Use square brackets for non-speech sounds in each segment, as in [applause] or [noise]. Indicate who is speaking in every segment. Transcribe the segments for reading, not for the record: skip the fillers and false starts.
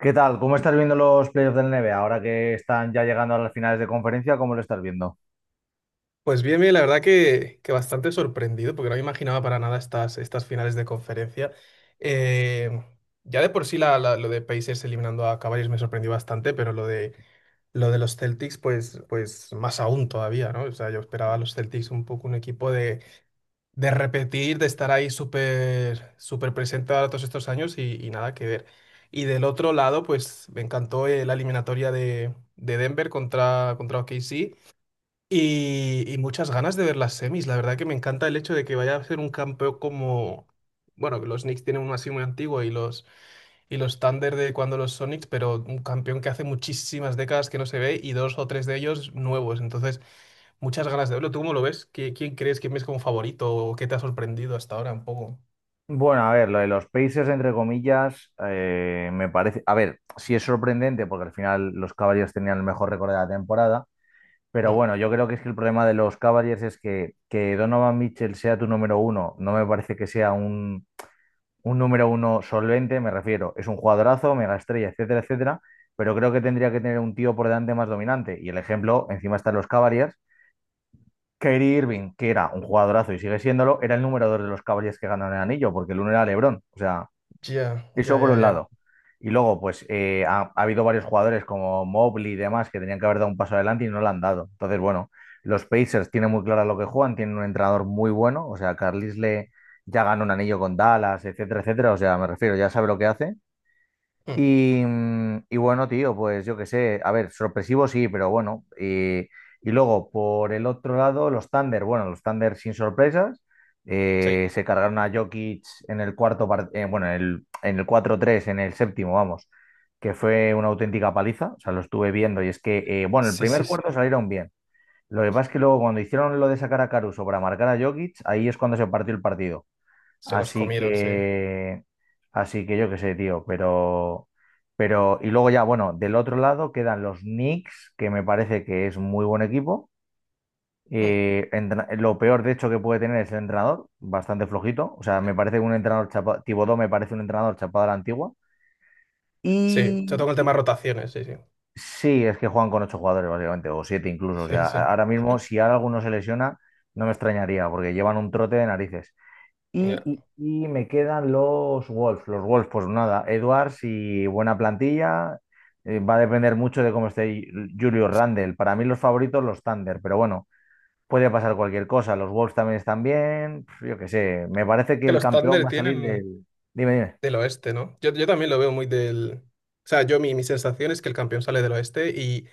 Speaker 1: ¿Qué tal? ¿Cómo estás viendo los playoffs del NBA ahora que están ya llegando a las finales de conferencia? ¿Cómo lo estás viendo?
Speaker 2: Pues bien, bien, la verdad que bastante sorprendido, porque no me imaginaba para nada estas finales de conferencia. Eh, ya de por sí lo de Pacers eliminando a Cavaliers me sorprendió bastante, pero lo de los Celtics, pues más aún todavía, ¿no? O sea, yo esperaba a los Celtics un poco un equipo de repetir, de estar ahí súper súper presente ahora todos estos años y nada que ver. Y del otro lado, pues me encantó la eliminatoria de Denver contra OKC. Y muchas ganas de ver las semis. La verdad que me encanta el hecho de que vaya a ser un campeón. Bueno, que los Knicks tienen uno así muy antiguo y los Thunder de cuando los Sonics, pero un campeón que hace muchísimas décadas que no se ve y dos o tres de ellos nuevos. Entonces, muchas ganas de verlo. ¿Tú cómo lo ves? ¿Quién crees que ves como favorito o qué te ha sorprendido hasta ahora un poco?
Speaker 1: Bueno, a ver, lo de los Pacers, entre comillas, me parece. A ver, sí es sorprendente porque al final los Cavaliers tenían el mejor récord de la temporada, pero
Speaker 2: Mm.
Speaker 1: bueno, yo creo que es que el problema de los Cavaliers es que Donovan Mitchell sea tu número uno. No me parece que sea un, número uno solvente, me refiero. Es un jugadorazo, mega estrella, etcétera, etcétera, pero creo que tendría que tener un tío por delante más dominante. Y el ejemplo, encima, están los Cavaliers. Kyrie Irving, que era un jugadorazo y sigue siéndolo, era el número dos de los Cavaliers que ganaron el anillo, porque el uno era LeBron. O sea,
Speaker 2: Ya,
Speaker 1: eso
Speaker 2: ya,
Speaker 1: por
Speaker 2: ya,
Speaker 1: un
Speaker 2: ya.
Speaker 1: lado. Y luego, pues ha habido varios jugadores como Mobley y demás que tenían que haber dado un paso adelante y no lo han dado. Entonces, bueno, los Pacers tienen muy claro lo que juegan, tienen un entrenador muy bueno. O sea, Carlisle ya ganó un anillo con Dallas, etcétera, etcétera. O sea, me refiero, ya sabe lo que hace.
Speaker 2: Mm.
Speaker 1: Y bueno, tío, pues yo qué sé, a ver, sorpresivo sí, pero bueno. Y luego, por el otro lado, los Thunder. Bueno, los Thunder sin sorpresas,
Speaker 2: Sí,
Speaker 1: se cargaron a Jokic en el cuarto, bueno, en el 4-3 en el séptimo, vamos, que fue una auténtica paliza. O sea, lo estuve viendo y es que, bueno, el
Speaker 2: sí,
Speaker 1: primer
Speaker 2: sí, sí.
Speaker 1: cuarto salieron bien. Lo que pasa es que luego, cuando hicieron lo de sacar a Caruso para marcar a Jokic, ahí es cuando se partió el partido.
Speaker 2: Se los
Speaker 1: Así
Speaker 2: comieron, sí.
Speaker 1: que, así que yo qué sé, tío. Y luego ya, bueno, del otro lado quedan los Knicks, que me parece que es muy buen equipo.
Speaker 2: Mm.
Speaker 1: Lo peor, de hecho, que puede tener es el entrenador, bastante flojito. O sea, me parece un entrenador chapado. Thibodeau me parece un entrenador chapado a la antigua.
Speaker 2: Sí, se
Speaker 1: Y
Speaker 2: toca el tema de
Speaker 1: y-
Speaker 2: rotaciones, sí, sí.
Speaker 1: sí, es que juegan con ocho jugadores, básicamente, o siete incluso. O
Speaker 2: Sí,
Speaker 1: sea,
Speaker 2: sí.
Speaker 1: ahora mismo, si ahora alguno se lesiona, no me extrañaría, porque llevan un trote de narices.
Speaker 2: [laughs]
Speaker 1: Y, y me quedan los Wolves. Los Wolves, pues nada, Edwards y buena plantilla. Va a depender mucho de cómo esté Julius Randle. Para mí los favoritos, los Thunder, pero bueno, puede pasar cualquier cosa. Los Wolves también están bien. Pf, yo qué sé, me parece que
Speaker 2: Que
Speaker 1: el
Speaker 2: los
Speaker 1: campeón
Speaker 2: Thunder
Speaker 1: va a salir
Speaker 2: tienen
Speaker 1: del... Dime, dime.
Speaker 2: del oeste, ¿no? Yo también lo veo muy. O sea, yo mi sensación es que el campeón sale del oeste y,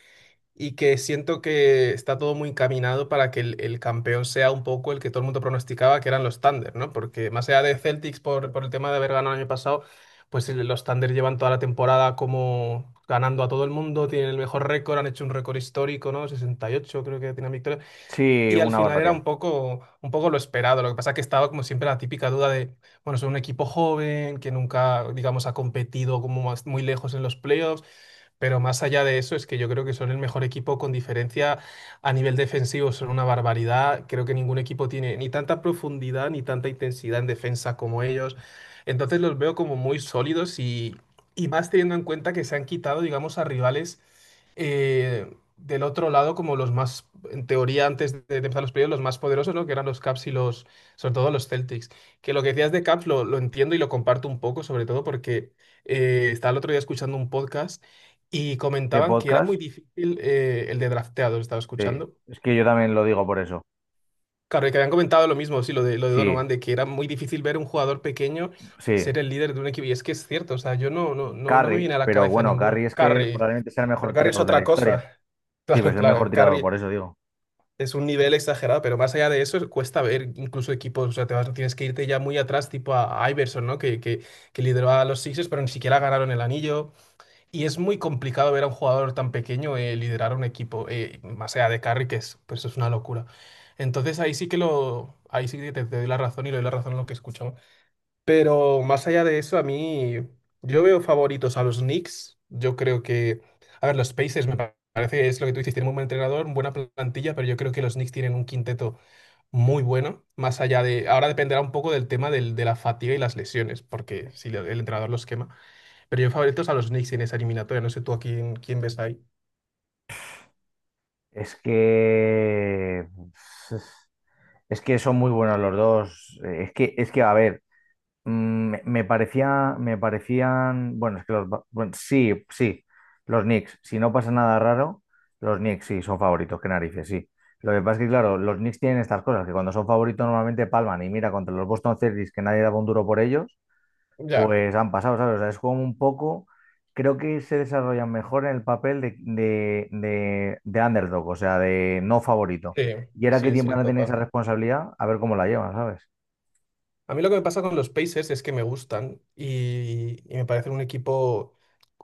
Speaker 2: y que siento que está todo muy encaminado para que el campeón sea un poco el que todo el mundo pronosticaba que eran los Thunder, ¿no? Porque más allá de Celtics por el tema de haber ganado el año pasado, pues los Thunder llevan toda la temporada como ganando a todo el mundo, tienen el mejor récord, han hecho un récord histórico, ¿no? 68 creo que tienen victorias.
Speaker 1: Sí,
Speaker 2: Y al
Speaker 1: una
Speaker 2: final era
Speaker 1: barbaridad.
Speaker 2: un poco lo esperado. Lo que pasa es que estaba como siempre la típica duda de, bueno, son un equipo joven que nunca, digamos, ha competido como muy lejos en los playoffs. Pero más allá de eso, es que yo creo que son el mejor equipo con diferencia a nivel defensivo, son una barbaridad. Creo que ningún equipo tiene ni tanta profundidad ni tanta intensidad en defensa como ellos. Entonces los veo como muy sólidos y más teniendo en cuenta que se han quitado, digamos, a rivales del otro lado como los más, en teoría, antes de empezar los playoffs, los más poderosos, ¿no? Que eran los Caps y sobre todo los Celtics. Que lo que decías de Caps lo entiendo y lo comparto un poco, sobre todo porque estaba el otro día escuchando un podcast y
Speaker 1: ¿Qué
Speaker 2: comentaban que era muy
Speaker 1: podcast?
Speaker 2: difícil el de drafteado, estaba
Speaker 1: Sí,
Speaker 2: escuchando.
Speaker 1: es que yo también lo digo por eso.
Speaker 2: Claro, y que habían comentado lo mismo, sí, lo de
Speaker 1: Sí,
Speaker 2: Donovan, de que era muy difícil ver un jugador pequeño
Speaker 1: sí.
Speaker 2: ser el líder de un equipo. Y es que es cierto, o sea, yo no me
Speaker 1: Curry,
Speaker 2: viene a la
Speaker 1: pero
Speaker 2: cabeza
Speaker 1: bueno, Curry
Speaker 2: ninguno.
Speaker 1: es que
Speaker 2: Curry,
Speaker 1: probablemente sea el
Speaker 2: pero
Speaker 1: mejor
Speaker 2: Curry es
Speaker 1: tirador de la
Speaker 2: otra
Speaker 1: historia.
Speaker 2: cosa. [laughs]
Speaker 1: Sí, pero
Speaker 2: Claro,
Speaker 1: es el mejor
Speaker 2: claro,
Speaker 1: tirador,
Speaker 2: Curry
Speaker 1: por eso digo.
Speaker 2: es un nivel exagerado, pero más allá de eso, cuesta ver incluso equipos, o sea, tienes que irte ya muy atrás, tipo a Iverson, ¿no? Que lideró a los Sixers, pero ni siquiera ganaron el anillo. Y es muy complicado ver a un jugador tan pequeño liderar un equipo, más allá de Carry, que es, pero eso es una locura. Entonces ahí sí que te doy la razón y le doy la razón a lo que escuchamos. Pero más allá de eso, a mí yo veo favoritos a los Knicks. Yo creo que, a ver, los Pacers me parece, es lo que tú dices, tienen un buen entrenador, buena plantilla, pero yo creo que los Knicks tienen un quinteto muy bueno. Más allá ahora dependerá un poco del tema de la fatiga y las lesiones, porque si el entrenador los quema. Pero yo favoritos a los Knicks en esa eliminatoria, no sé tú a quién ves ahí.
Speaker 1: Es que es que son muy buenos los dos. Es que a ver, mm, me parecían, bueno, es que bueno, sí, sí, los Knicks, si no pasa nada raro, los Knicks sí son favoritos, qué narices, sí. Lo que pasa es que, claro, los Knicks tienen estas cosas, que cuando son favoritos normalmente palman, y mira contra los Boston Celtics, que nadie daba un duro por ellos,
Speaker 2: Ya,
Speaker 1: pues han pasado, ¿sabes? O sea, es como un poco, creo que se desarrollan mejor en el papel de, de underdog, o sea, de no favorito.
Speaker 2: sí,
Speaker 1: Y ahora que
Speaker 2: sí,
Speaker 1: tiempo
Speaker 2: sí,
Speaker 1: van a tener esa
Speaker 2: total.
Speaker 1: responsabilidad, a ver cómo la llevan, ¿sabes?
Speaker 2: A mí lo que me pasa con los Pacers es que me gustan y me parecen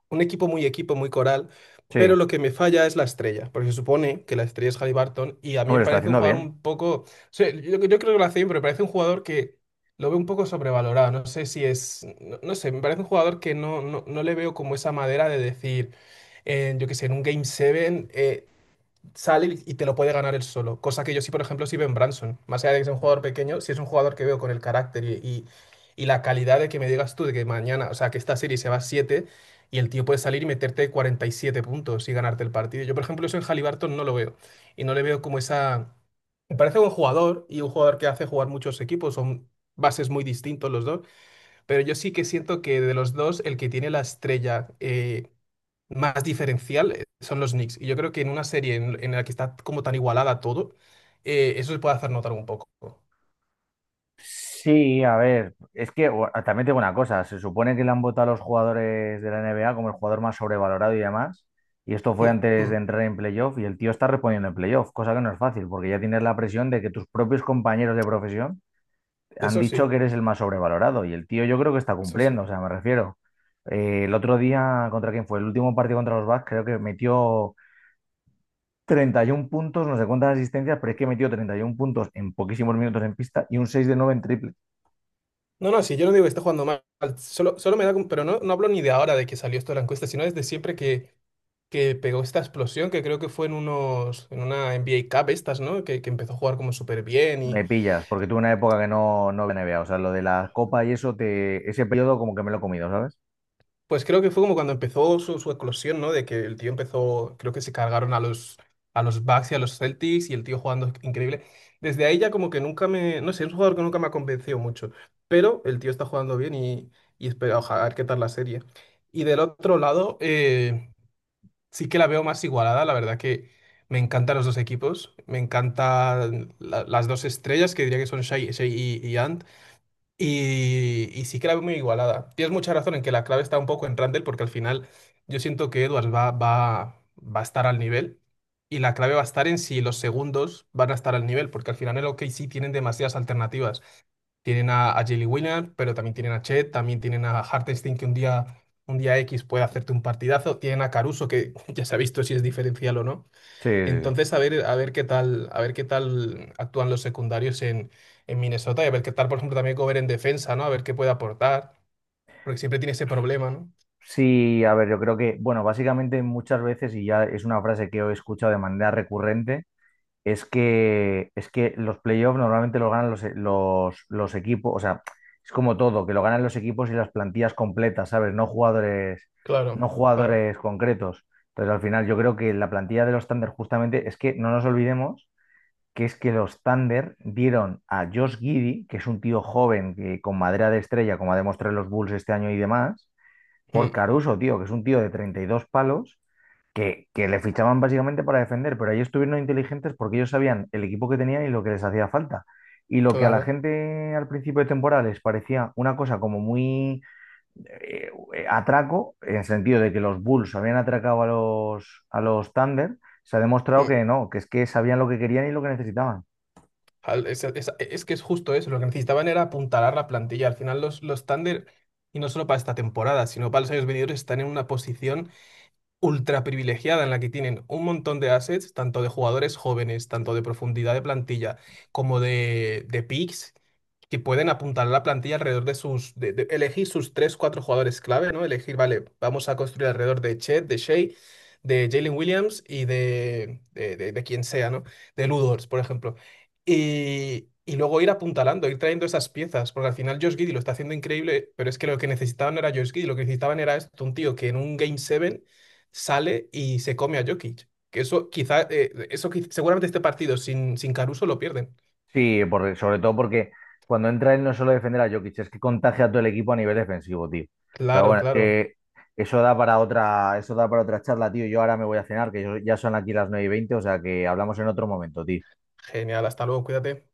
Speaker 2: un equipo, muy coral,
Speaker 1: Sí,
Speaker 2: pero lo que me falla es la estrella, porque se supone que la estrella es Haliburton y a mí
Speaker 1: hombre,
Speaker 2: me
Speaker 1: lo está
Speaker 2: parece un
Speaker 1: haciendo
Speaker 2: jugador
Speaker 1: bien.
Speaker 2: un poco, o sea, yo creo que lo hace bien, pero me parece un jugador que lo veo un poco sobrevalorado, no sé si es, no sé, me parece un jugador que no le veo como esa madera de decir yo qué sé, en un Game 7, sale y te lo puede ganar él solo. Cosa que yo sí, por ejemplo, sí veo en Branson. Más allá de que sea un jugador pequeño, si es un jugador que veo con el carácter y la calidad de que me digas tú de que mañana, o sea, que esta serie se va a 7 y el tío puede salir y meterte 47 puntos y ganarte el partido. Yo, por ejemplo, eso en Haliburton no lo veo. Y no le veo como esa. Me parece un jugador y un jugador que hace jugar muchos equipos. Son bases muy distintos los dos. Pero yo sí que siento que de los dos, el que tiene la estrella más diferencial son los Knicks. Y yo creo que en una serie en la que está como tan igualada todo, eso se puede hacer notar un poco.
Speaker 1: Sí, a ver, es que bueno, también tengo una cosa, se supone que le han votado a los jugadores de la NBA como el jugador más sobrevalorado y demás, y esto fue
Speaker 2: Mm.
Speaker 1: antes de
Speaker 2: Mm.
Speaker 1: entrar en playoff, y el tío está respondiendo en playoff, cosa que no es fácil, porque ya tienes la presión de que tus propios compañeros de profesión han
Speaker 2: Eso sí,
Speaker 1: dicho que eres el más sobrevalorado. Y el tío, yo creo que está
Speaker 2: eso sí.
Speaker 1: cumpliendo, o sea, me refiero. El otro día, ¿contra quién fue? El último partido contra los Bucks, creo que metió 31 puntos, no sé cuántas asistencias, pero es que metió 31 puntos en poquísimos minutos en pista y un 6 de 9 en triple.
Speaker 2: No, no, sí, yo no digo que esté jugando mal. Solo pero no hablo ni de ahora de que salió esto de la encuesta, sino desde siempre que pegó esta explosión, que creo que fue en una NBA Cup estas, ¿no? Que empezó a jugar como súper bien.
Speaker 1: Me pillas, porque tuve una época que no veía NBA. O sea, lo de la copa y eso, ese periodo como que me lo he comido, ¿sabes?
Speaker 2: Pues creo que fue como cuando empezó su eclosión, ¿no? De que el tío empezó, creo que se cargaron a los Bucks y a los Celtics y el tío jugando increíble. Desde ahí ya como que nunca me, no sé, es un jugador que nunca me ha convencido mucho, pero el tío está jugando bien y espera, ojalá, a ver qué tal la serie. Y del otro lado, sí que la veo más igualada, la verdad que me encantan los dos equipos, me encantan las dos estrellas, que diría que son Shai y, Ant y sí que la veo muy igualada. Tienes mucha razón en que la clave está un poco en Randle, porque al final yo siento que Edwards va a estar al nivel. Y la clave va a estar en si los segundos van a estar al nivel, porque al final en el OKC tienen demasiadas alternativas. Tienen a Jalen Williams, pero también tienen a Chet, también tienen a Hartenstein, que un día X puede hacerte un partidazo. Tienen a Caruso, que [laughs] ya se ha visto si es diferencial o no.
Speaker 1: Sí, sí, sí.
Speaker 2: Entonces, a ver, a ver qué tal actúan los secundarios en Minnesota y a ver qué tal, por ejemplo, también Cover en defensa, ¿no? A ver qué puede aportar, porque siempre tiene ese problema, ¿no?
Speaker 1: Sí, a ver, yo creo que, bueno, básicamente muchas veces, y ya es una frase que he escuchado de manera recurrente. Es que los playoffs normalmente los ganan los equipos, o sea, es como todo, que lo ganan los equipos y las plantillas completas, ¿sabes? No jugadores,
Speaker 2: Claro,
Speaker 1: no
Speaker 2: claro,
Speaker 1: jugadores concretos. Entonces, al final, yo creo que la plantilla de los Thunder, justamente, es que no nos olvidemos que es que los Thunder dieron a Josh Giddey, que es un tío joven, que, con madera de estrella, como ha demostrado en los Bulls este año y demás, por
Speaker 2: mm,
Speaker 1: Caruso, tío, que es un tío de 32 palos, que le fichaban básicamente para defender, pero ellos estuvieron inteligentes porque ellos sabían el equipo que tenían y lo que les hacía falta. Y lo que a la
Speaker 2: claro.
Speaker 1: gente al principio de temporada les parecía una cosa como muy atraco, en el sentido de que los Bulls habían atracado a los Thunder, se ha demostrado
Speaker 2: Mm.
Speaker 1: que no, que es que sabían lo que querían y lo que necesitaban.
Speaker 2: Es que es justo eso, lo que necesitaban era apuntalar la plantilla. Al final los Thunder, y no solo para esta temporada, sino para los años venideros, están en una posición ultra privilegiada en la que tienen un montón de assets, tanto de jugadores jóvenes, tanto de profundidad de plantilla, como de picks, que pueden apuntar la plantilla alrededor de de elegir sus tres, cuatro jugadores clave, ¿no? Elegir, vale, vamos a construir alrededor de Chet, de Shea, de Jalen Williams y de quien sea, ¿no? De Ludors, por ejemplo. Y luego ir apuntalando, ir trayendo esas piezas, porque al final Josh Giddey lo está haciendo increíble, pero es que lo que necesitaban no era Josh Giddey, lo que necesitaban era esto, un tío que en un Game 7 sale y se come a Jokic. Que eso quizá, seguramente este partido sin Caruso lo pierden.
Speaker 1: Sí, sobre todo porque cuando entra él no es solo defender a Jokic, es que contagia a todo el equipo a nivel defensivo, tío. Pero
Speaker 2: Claro,
Speaker 1: bueno, es
Speaker 2: claro.
Speaker 1: que eso da para otra charla, tío. Yo ahora me voy a cenar, que ya son aquí las 9:20, o sea que hablamos en otro momento, tío.
Speaker 2: Genial, hasta luego, cuídate.